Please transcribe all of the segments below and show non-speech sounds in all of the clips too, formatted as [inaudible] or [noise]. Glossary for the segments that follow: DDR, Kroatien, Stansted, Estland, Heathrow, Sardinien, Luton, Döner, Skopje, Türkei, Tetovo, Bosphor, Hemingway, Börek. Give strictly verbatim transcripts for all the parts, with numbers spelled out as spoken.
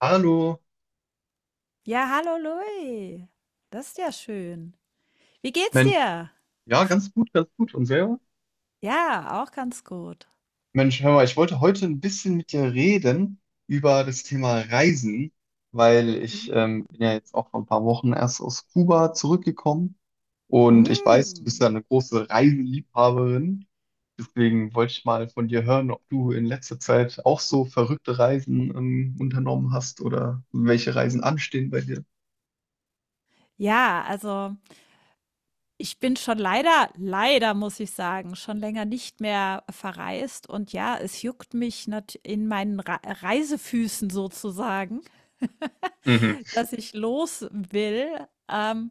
Hallo. Ja, hallo Louis. Das ist ja schön. Wie geht's Mensch, dir? ja, ganz gut, ganz gut. Und selber? Ja, auch ganz gut. Mensch, hör mal, ich wollte heute ein bisschen mit dir reden über das Thema Reisen, weil ich ähm, Mhm. bin ja jetzt auch vor ein paar Wochen erst aus Kuba zurückgekommen und ich weiß, du bist Mm. ja eine große Reiseliebhaberin. Deswegen wollte ich mal von dir hören, ob du in letzter Zeit auch so verrückte Reisen ähm, unternommen hast oder welche Reisen anstehen bei dir. Ja, also ich bin schon leider, leider muss ich sagen, schon länger nicht mehr verreist. Und ja, es juckt mich nat- in meinen Re Reisefüßen sozusagen, Mhm. dass ich los will. Ähm,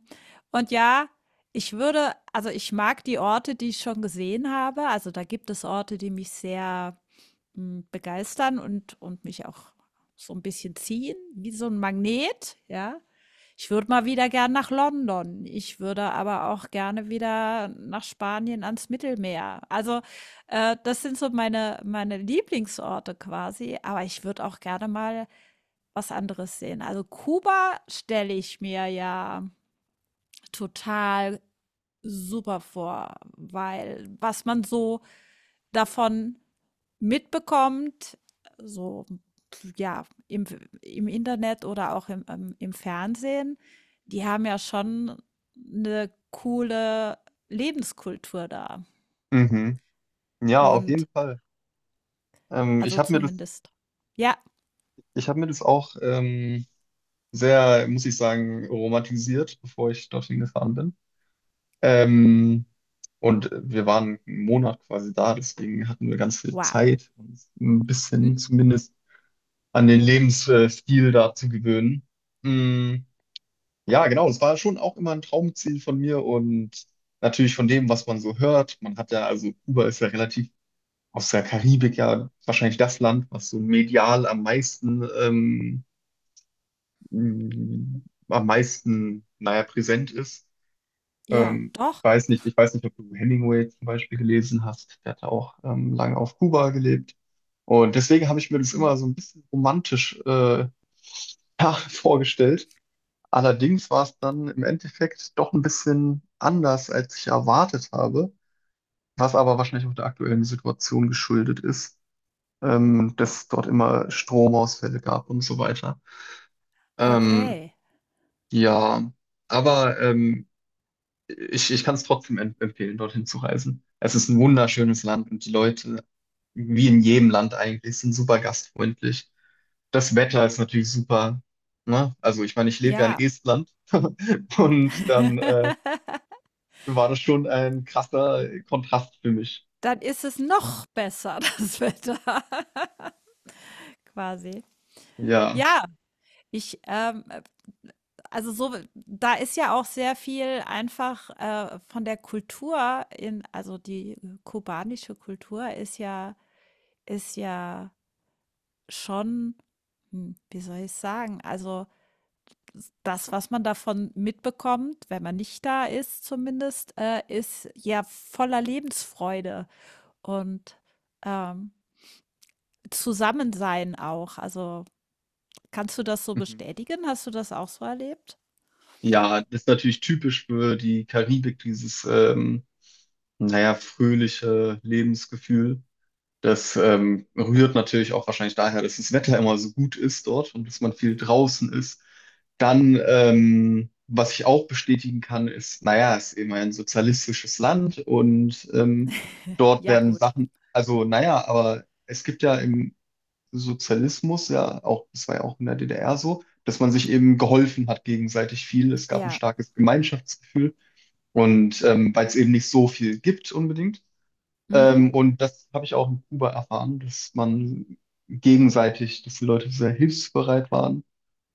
und ja, ich würde, also ich mag die Orte, die ich schon gesehen habe. Also da gibt es Orte, die mich sehr Hm, begeistern und und mich auch so ein bisschen ziehen, wie so ein Magnet, ja. Ich würde mal wieder gern nach London. Ich würde aber auch gerne wieder nach Spanien ans Mittelmeer. Also, äh, das sind so meine meine Lieblingsorte quasi, aber ich würde auch gerne mal was anderes sehen. Also, Kuba stelle ich mir ja total super vor, weil was man so davon mitbekommt, so ja, im, im Internet oder auch im, ähm, im Fernsehen, die haben ja schon eine coole Lebenskultur da. Mhm. Ja, auf jeden Und Fall. Ähm, ich also habe mir das zumindest, ja, Ich habe mir das auch ähm, sehr, muss ich sagen, romantisiert, bevor ich dorthin gefahren bin. Ähm, und wir waren einen Monat quasi da, deswegen hatten wir ganz viel wow. Zeit, uns ein Hm. bisschen zumindest an den Lebensstil da zu gewöhnen. Mm, ja, genau, es war schon auch immer ein Traumziel von mir und natürlich von dem, was man so hört. Man hat ja, also Kuba ist ja relativ aus der Karibik ja wahrscheinlich das Land, was so medial am meisten ähm, mh, am meisten, naja, präsent ist. Ja, Ähm, ich doch. weiß nicht, ich weiß nicht, ob du Hemingway zum Beispiel gelesen hast. Der hat ja auch ähm, lange auf Kuba gelebt. Und deswegen habe ich mir das Mhm. immer so ein bisschen romantisch äh, [laughs] ja, vorgestellt. Allerdings war es dann im Endeffekt doch ein bisschen anders, als ich erwartet habe, was aber wahrscheinlich auch der aktuellen Situation geschuldet ist, ähm, dass es dort immer Stromausfälle gab und so weiter. Ähm, Okay. ja, aber ähm, ich, ich kann es trotzdem emp- empfehlen, dorthin zu reisen. Es ist ein wunderschönes Land und die Leute, wie in jedem Land eigentlich, sind super gastfreundlich. Das Wetter ist natürlich super. Ne? Also ich meine, ich lebe ja in Ja. Estland [laughs] und dann äh, [laughs] war das schon ein krasser Kontrast für mich. Dann ist es noch besser, das Wetter. [laughs] Quasi. Ja. Ja, ich, ähm, äh, also so, da ist ja auch sehr viel einfach äh, von der Kultur in, also die äh, kubanische Kultur ist ja, ist ja schon, hm, wie soll ich sagen, also das, was man davon mitbekommt, wenn man nicht da ist zumindest, äh, ist ja voller Lebensfreude und ähm, Zusammensein auch. Also kannst du das so Mhm. bestätigen? Hast du das auch so erlebt? Ja, das ist natürlich typisch für die Karibik, dieses, ähm, naja, fröhliche Lebensgefühl. Das ähm, rührt natürlich auch wahrscheinlich daher, dass das Wetter immer so gut ist dort und dass man viel draußen ist. Dann, ähm, was ich auch bestätigen kann, ist, naja, es ist eben ein sozialistisches Land und ähm, dort Ja, werden gut. Sachen, also naja, aber es gibt ja im Sozialismus ja auch, das war ja auch in der D D R so, dass man sich eben geholfen hat gegenseitig viel. Es gab ein Ja. starkes Gemeinschaftsgefühl und ähm, weil es eben nicht so viel gibt unbedingt Mhm. ähm, und das habe ich auch in Kuba erfahren, dass man gegenseitig, dass die Leute sehr hilfsbereit waren.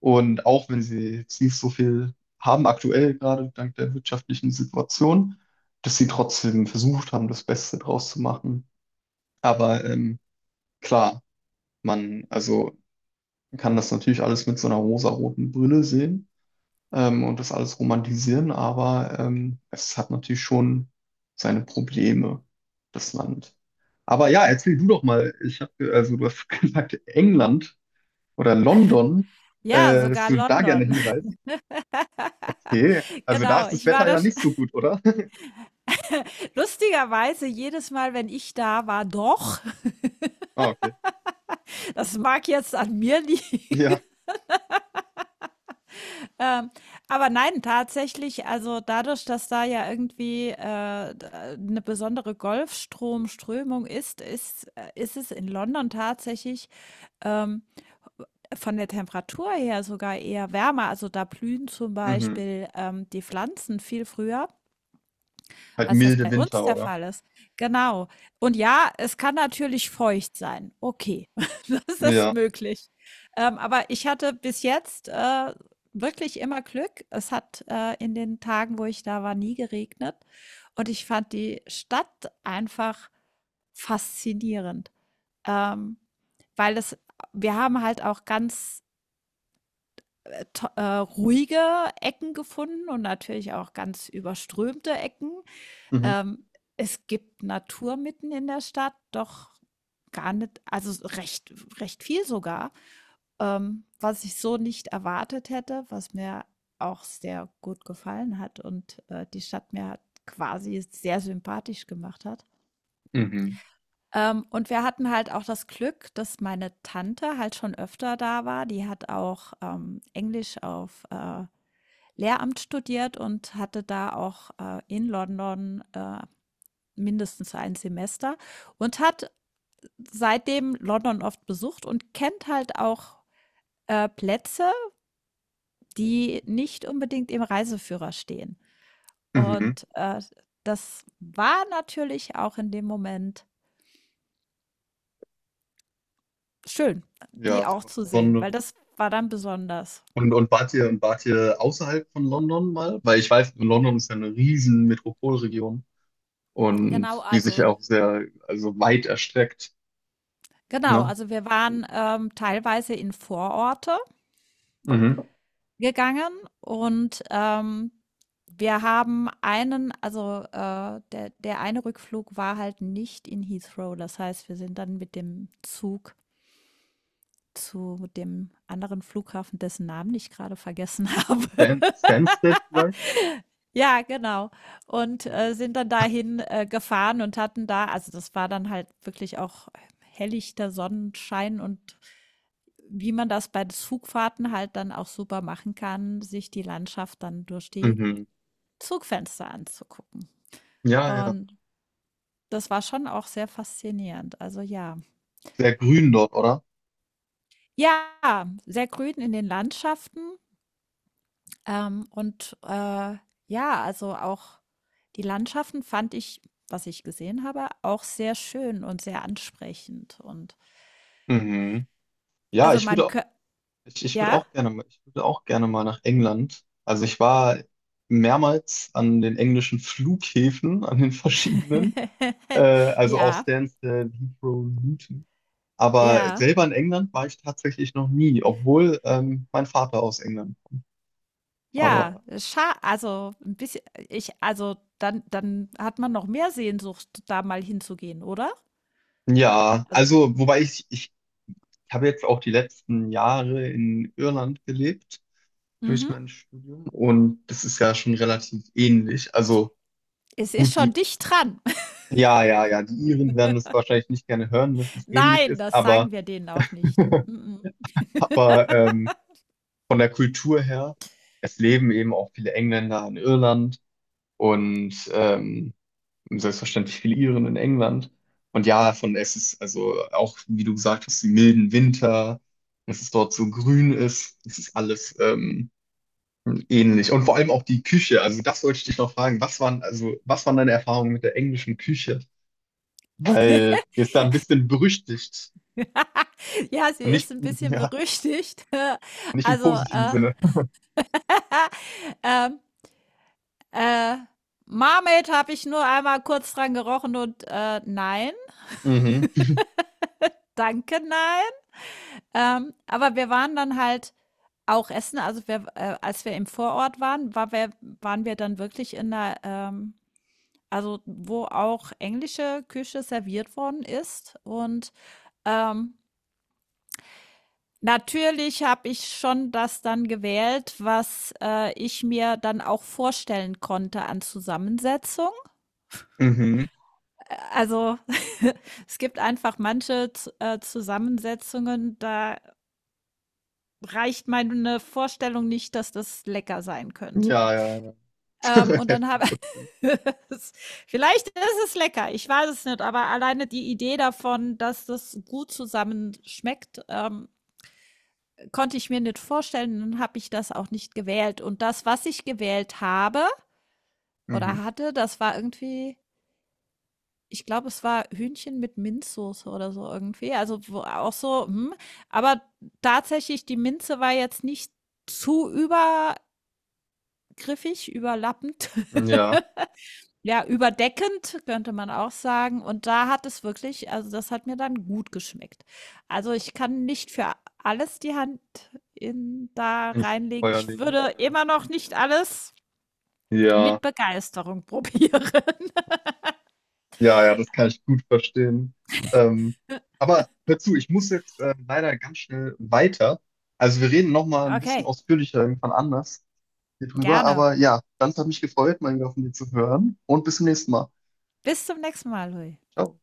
Und auch wenn sie jetzt nicht so viel haben aktuell, gerade dank der wirtschaftlichen Situation, dass sie trotzdem versucht haben, das Beste draus zu machen. Aber ähm, klar, man also man kann das natürlich alles mit so einer rosaroten Brille sehen ähm, und das alles romantisieren, aber ähm, es hat natürlich schon seine Probleme, das Land. Aber ja, erzähl du doch mal. Ich habe, also du hast [laughs] gesagt, England oder London, Ja, äh, dass sogar du da gerne London. [laughs] hinreist. Okay, also da Genau. ist das Ich war Wetter ja das nicht so [laughs] gut, oder? [laughs] lustigerweise jedes Mal, wenn ich da war, doch. [laughs] Ah, okay. Das mag jetzt an mir liegen. [laughs] Ja, Ähm, aber nein, tatsächlich, also dadurch, dass da ja irgendwie äh, d- äh, eine besondere Golfstromströmung ist, ist, äh, ist es in London tatsächlich ähm, von der Temperatur her sogar eher wärmer. Also da blühen zum mhm. Beispiel ähm, die Pflanzen viel früher. Halt Als das milde bei uns Winter, der oder? Fall ist. Genau. Und ja, es kann natürlich feucht sein. Okay, [laughs] das ist Ja, möglich. Ähm, aber ich hatte bis jetzt, äh, wirklich immer Glück. Es hat, äh, in den Tagen, wo ich da war, nie geregnet und ich fand die Stadt einfach faszinierend, ähm, weil es, wir haben halt auch ganz, äh, to äh, ruhige Ecken gefunden und natürlich auch ganz überströmte Ecken, mhm. ähm, es gibt Natur mitten in der Stadt, doch gar nicht, also recht recht viel sogar, ähm, was ich so nicht erwartet hätte, was mir auch sehr gut gefallen hat und, äh, die Stadt mir hat quasi sehr sympathisch gemacht hat. Mhm. Ähm, und wir hatten halt auch das Glück, dass meine Tante halt schon öfter da war. Die hat auch, ähm, Englisch auf, äh, Lehramt studiert und hatte da auch, äh, in London, äh, mindestens ein Semester und hat seitdem London oft besucht und kennt halt auch, äh, Plätze, die nicht unbedingt im Reiseführer stehen. Mhm. Und, äh, das war natürlich auch in dem Moment schön, Ja, die ist auch was zu sehen, weil Besonderes. das war dann besonders. Und, und wart ihr, wart ihr außerhalb von London mal? Weil ich weiß, London ist ja eine riesen Metropolregion Genau, und die sich also auch sehr, also weit erstreckt. genau, Ne? also wir waren, ähm, teilweise in Vororte Mhm. gegangen und, ähm, wir haben einen, also, äh, der der eine Rückflug war halt nicht in Heathrow. Das heißt, wir sind dann mit dem Zug zu dem anderen Flughafen, dessen Namen ich gerade vergessen [laughs] habe. Stan Stansted vielleicht? Ja, genau. Und, Hm. äh, sind dann dahin, äh, gefahren und hatten da, also das war dann halt wirklich auch hellichter Sonnenschein und wie man das bei Zugfahrten halt dann auch super machen kann, sich die Landschaft dann durch die Mhm. Zugfenster anzugucken. Ja, ja. Und das war schon auch sehr faszinierend. Also ja. Sehr grün dort, oder? Ja, sehr grün in den Landschaften. Ähm, und äh, ja, also auch die Landschaften fand ich, was ich gesehen habe, auch sehr schön und sehr ansprechend. Und Mhm. Ja, also ich man würde, könnte, ich, ich würde ja, auch gerne, mal- ich würde auch gerne mal nach England. Also ich war mehrmals an den englischen Flughäfen, [laughs] an den verschiedenen, [laughs] äh, also auch ja, Stansted, Heathrow, Luton. Aber ja, selber in England war ich tatsächlich noch nie, obwohl ähm, mein Vater aus England kommt. ja, Aber scha also ein bisschen, ich, also dann, dann hat man noch mehr Sehnsucht, da mal hinzugehen, oder? ja, Also, also wobei ich, ich habe jetzt auch die letzten Jahre in Irland gelebt durch mhm. mein Studium und das ist ja schon relativ ähnlich. Also Es ist gut, schon die, dicht dran. ja, ja, ja, die Iren werden das wahrscheinlich nicht gerne hören, dass es [laughs] ähnlich Nein, ist, das aber, sagen wir denen auch nicht. [laughs] Mm-mm. aber ähm, von der Kultur her, es leben eben auch viele Engländer in Irland und ähm, selbstverständlich viele Iren in England. Und ja, von es ist also auch, wie du gesagt hast, die milden Winter, dass es dort so grün ist, es ist alles ähm, ähnlich. Und vor allem auch die Küche. Also das wollte ich dich noch fragen. Was waren, also, was waren deine Erfahrungen mit der englischen Küche? Weil [laughs] die ist da ein bisschen berüchtigt. Ja, sie Und ist nicht, ein bisschen ja, berüchtigt. [laughs] nicht im Also, positiven äh, Sinne. ähm, äh, „Marmaid“ habe ich nur einmal kurz dran gerochen und, äh, nein, Mhm. danke, nein. Ähm, aber wir waren dann halt auch essen. Also, wir, äh, als wir im Vorort waren, war wir waren wir dann wirklich in der, ähm also, wo auch englische Küche serviert worden ist und, ähm natürlich habe ich schon das dann gewählt, was, äh, ich mir dann auch vorstellen konnte an Zusammensetzung. Mhm. Äh, also, [laughs] es gibt einfach manche Z äh, Zusammensetzungen, da reicht meine Vorstellung nicht, dass das lecker sein könnte. Ja, ja, ja. Ähm, und dann [laughs] habe [laughs] es, vielleicht ist es lecker, ich weiß es nicht, aber alleine die Idee davon, dass das gut zusammen schmeckt, ähm konnte ich mir nicht vorstellen, dann habe ich das auch nicht gewählt. Und das, was ich gewählt habe Mhm. oder hatte, das war irgendwie, ich glaube, es war Hühnchen mit Minzsoße oder so irgendwie. Also wo auch so, hm, aber tatsächlich, die Minze war jetzt nicht zu übergriffig, überlappend. Ja. [laughs] Ja, überdeckend könnte man auch sagen. Und da hat es wirklich, also das hat mir dann gut geschmeckt. Also, ich kann nicht für alles die Hand in da Ins reinlegen. Feuer Ich legen. würde Ja. immer noch nicht alles Ja. mit Begeisterung [laughs] probieren. Ja, ja, das kann ich gut verstehen. Ähm, aber hör zu, ich muss jetzt äh, leider ganz schnell weiter. Also wir reden noch mal ein bisschen Okay, ausführlicher irgendwann anders hier drüber. gerne. Aber ja, ganz hat mich gefreut, mal wieder von dir zu hören und bis zum nächsten Mal. Bis zum nächsten Mal, Louis. Ciao.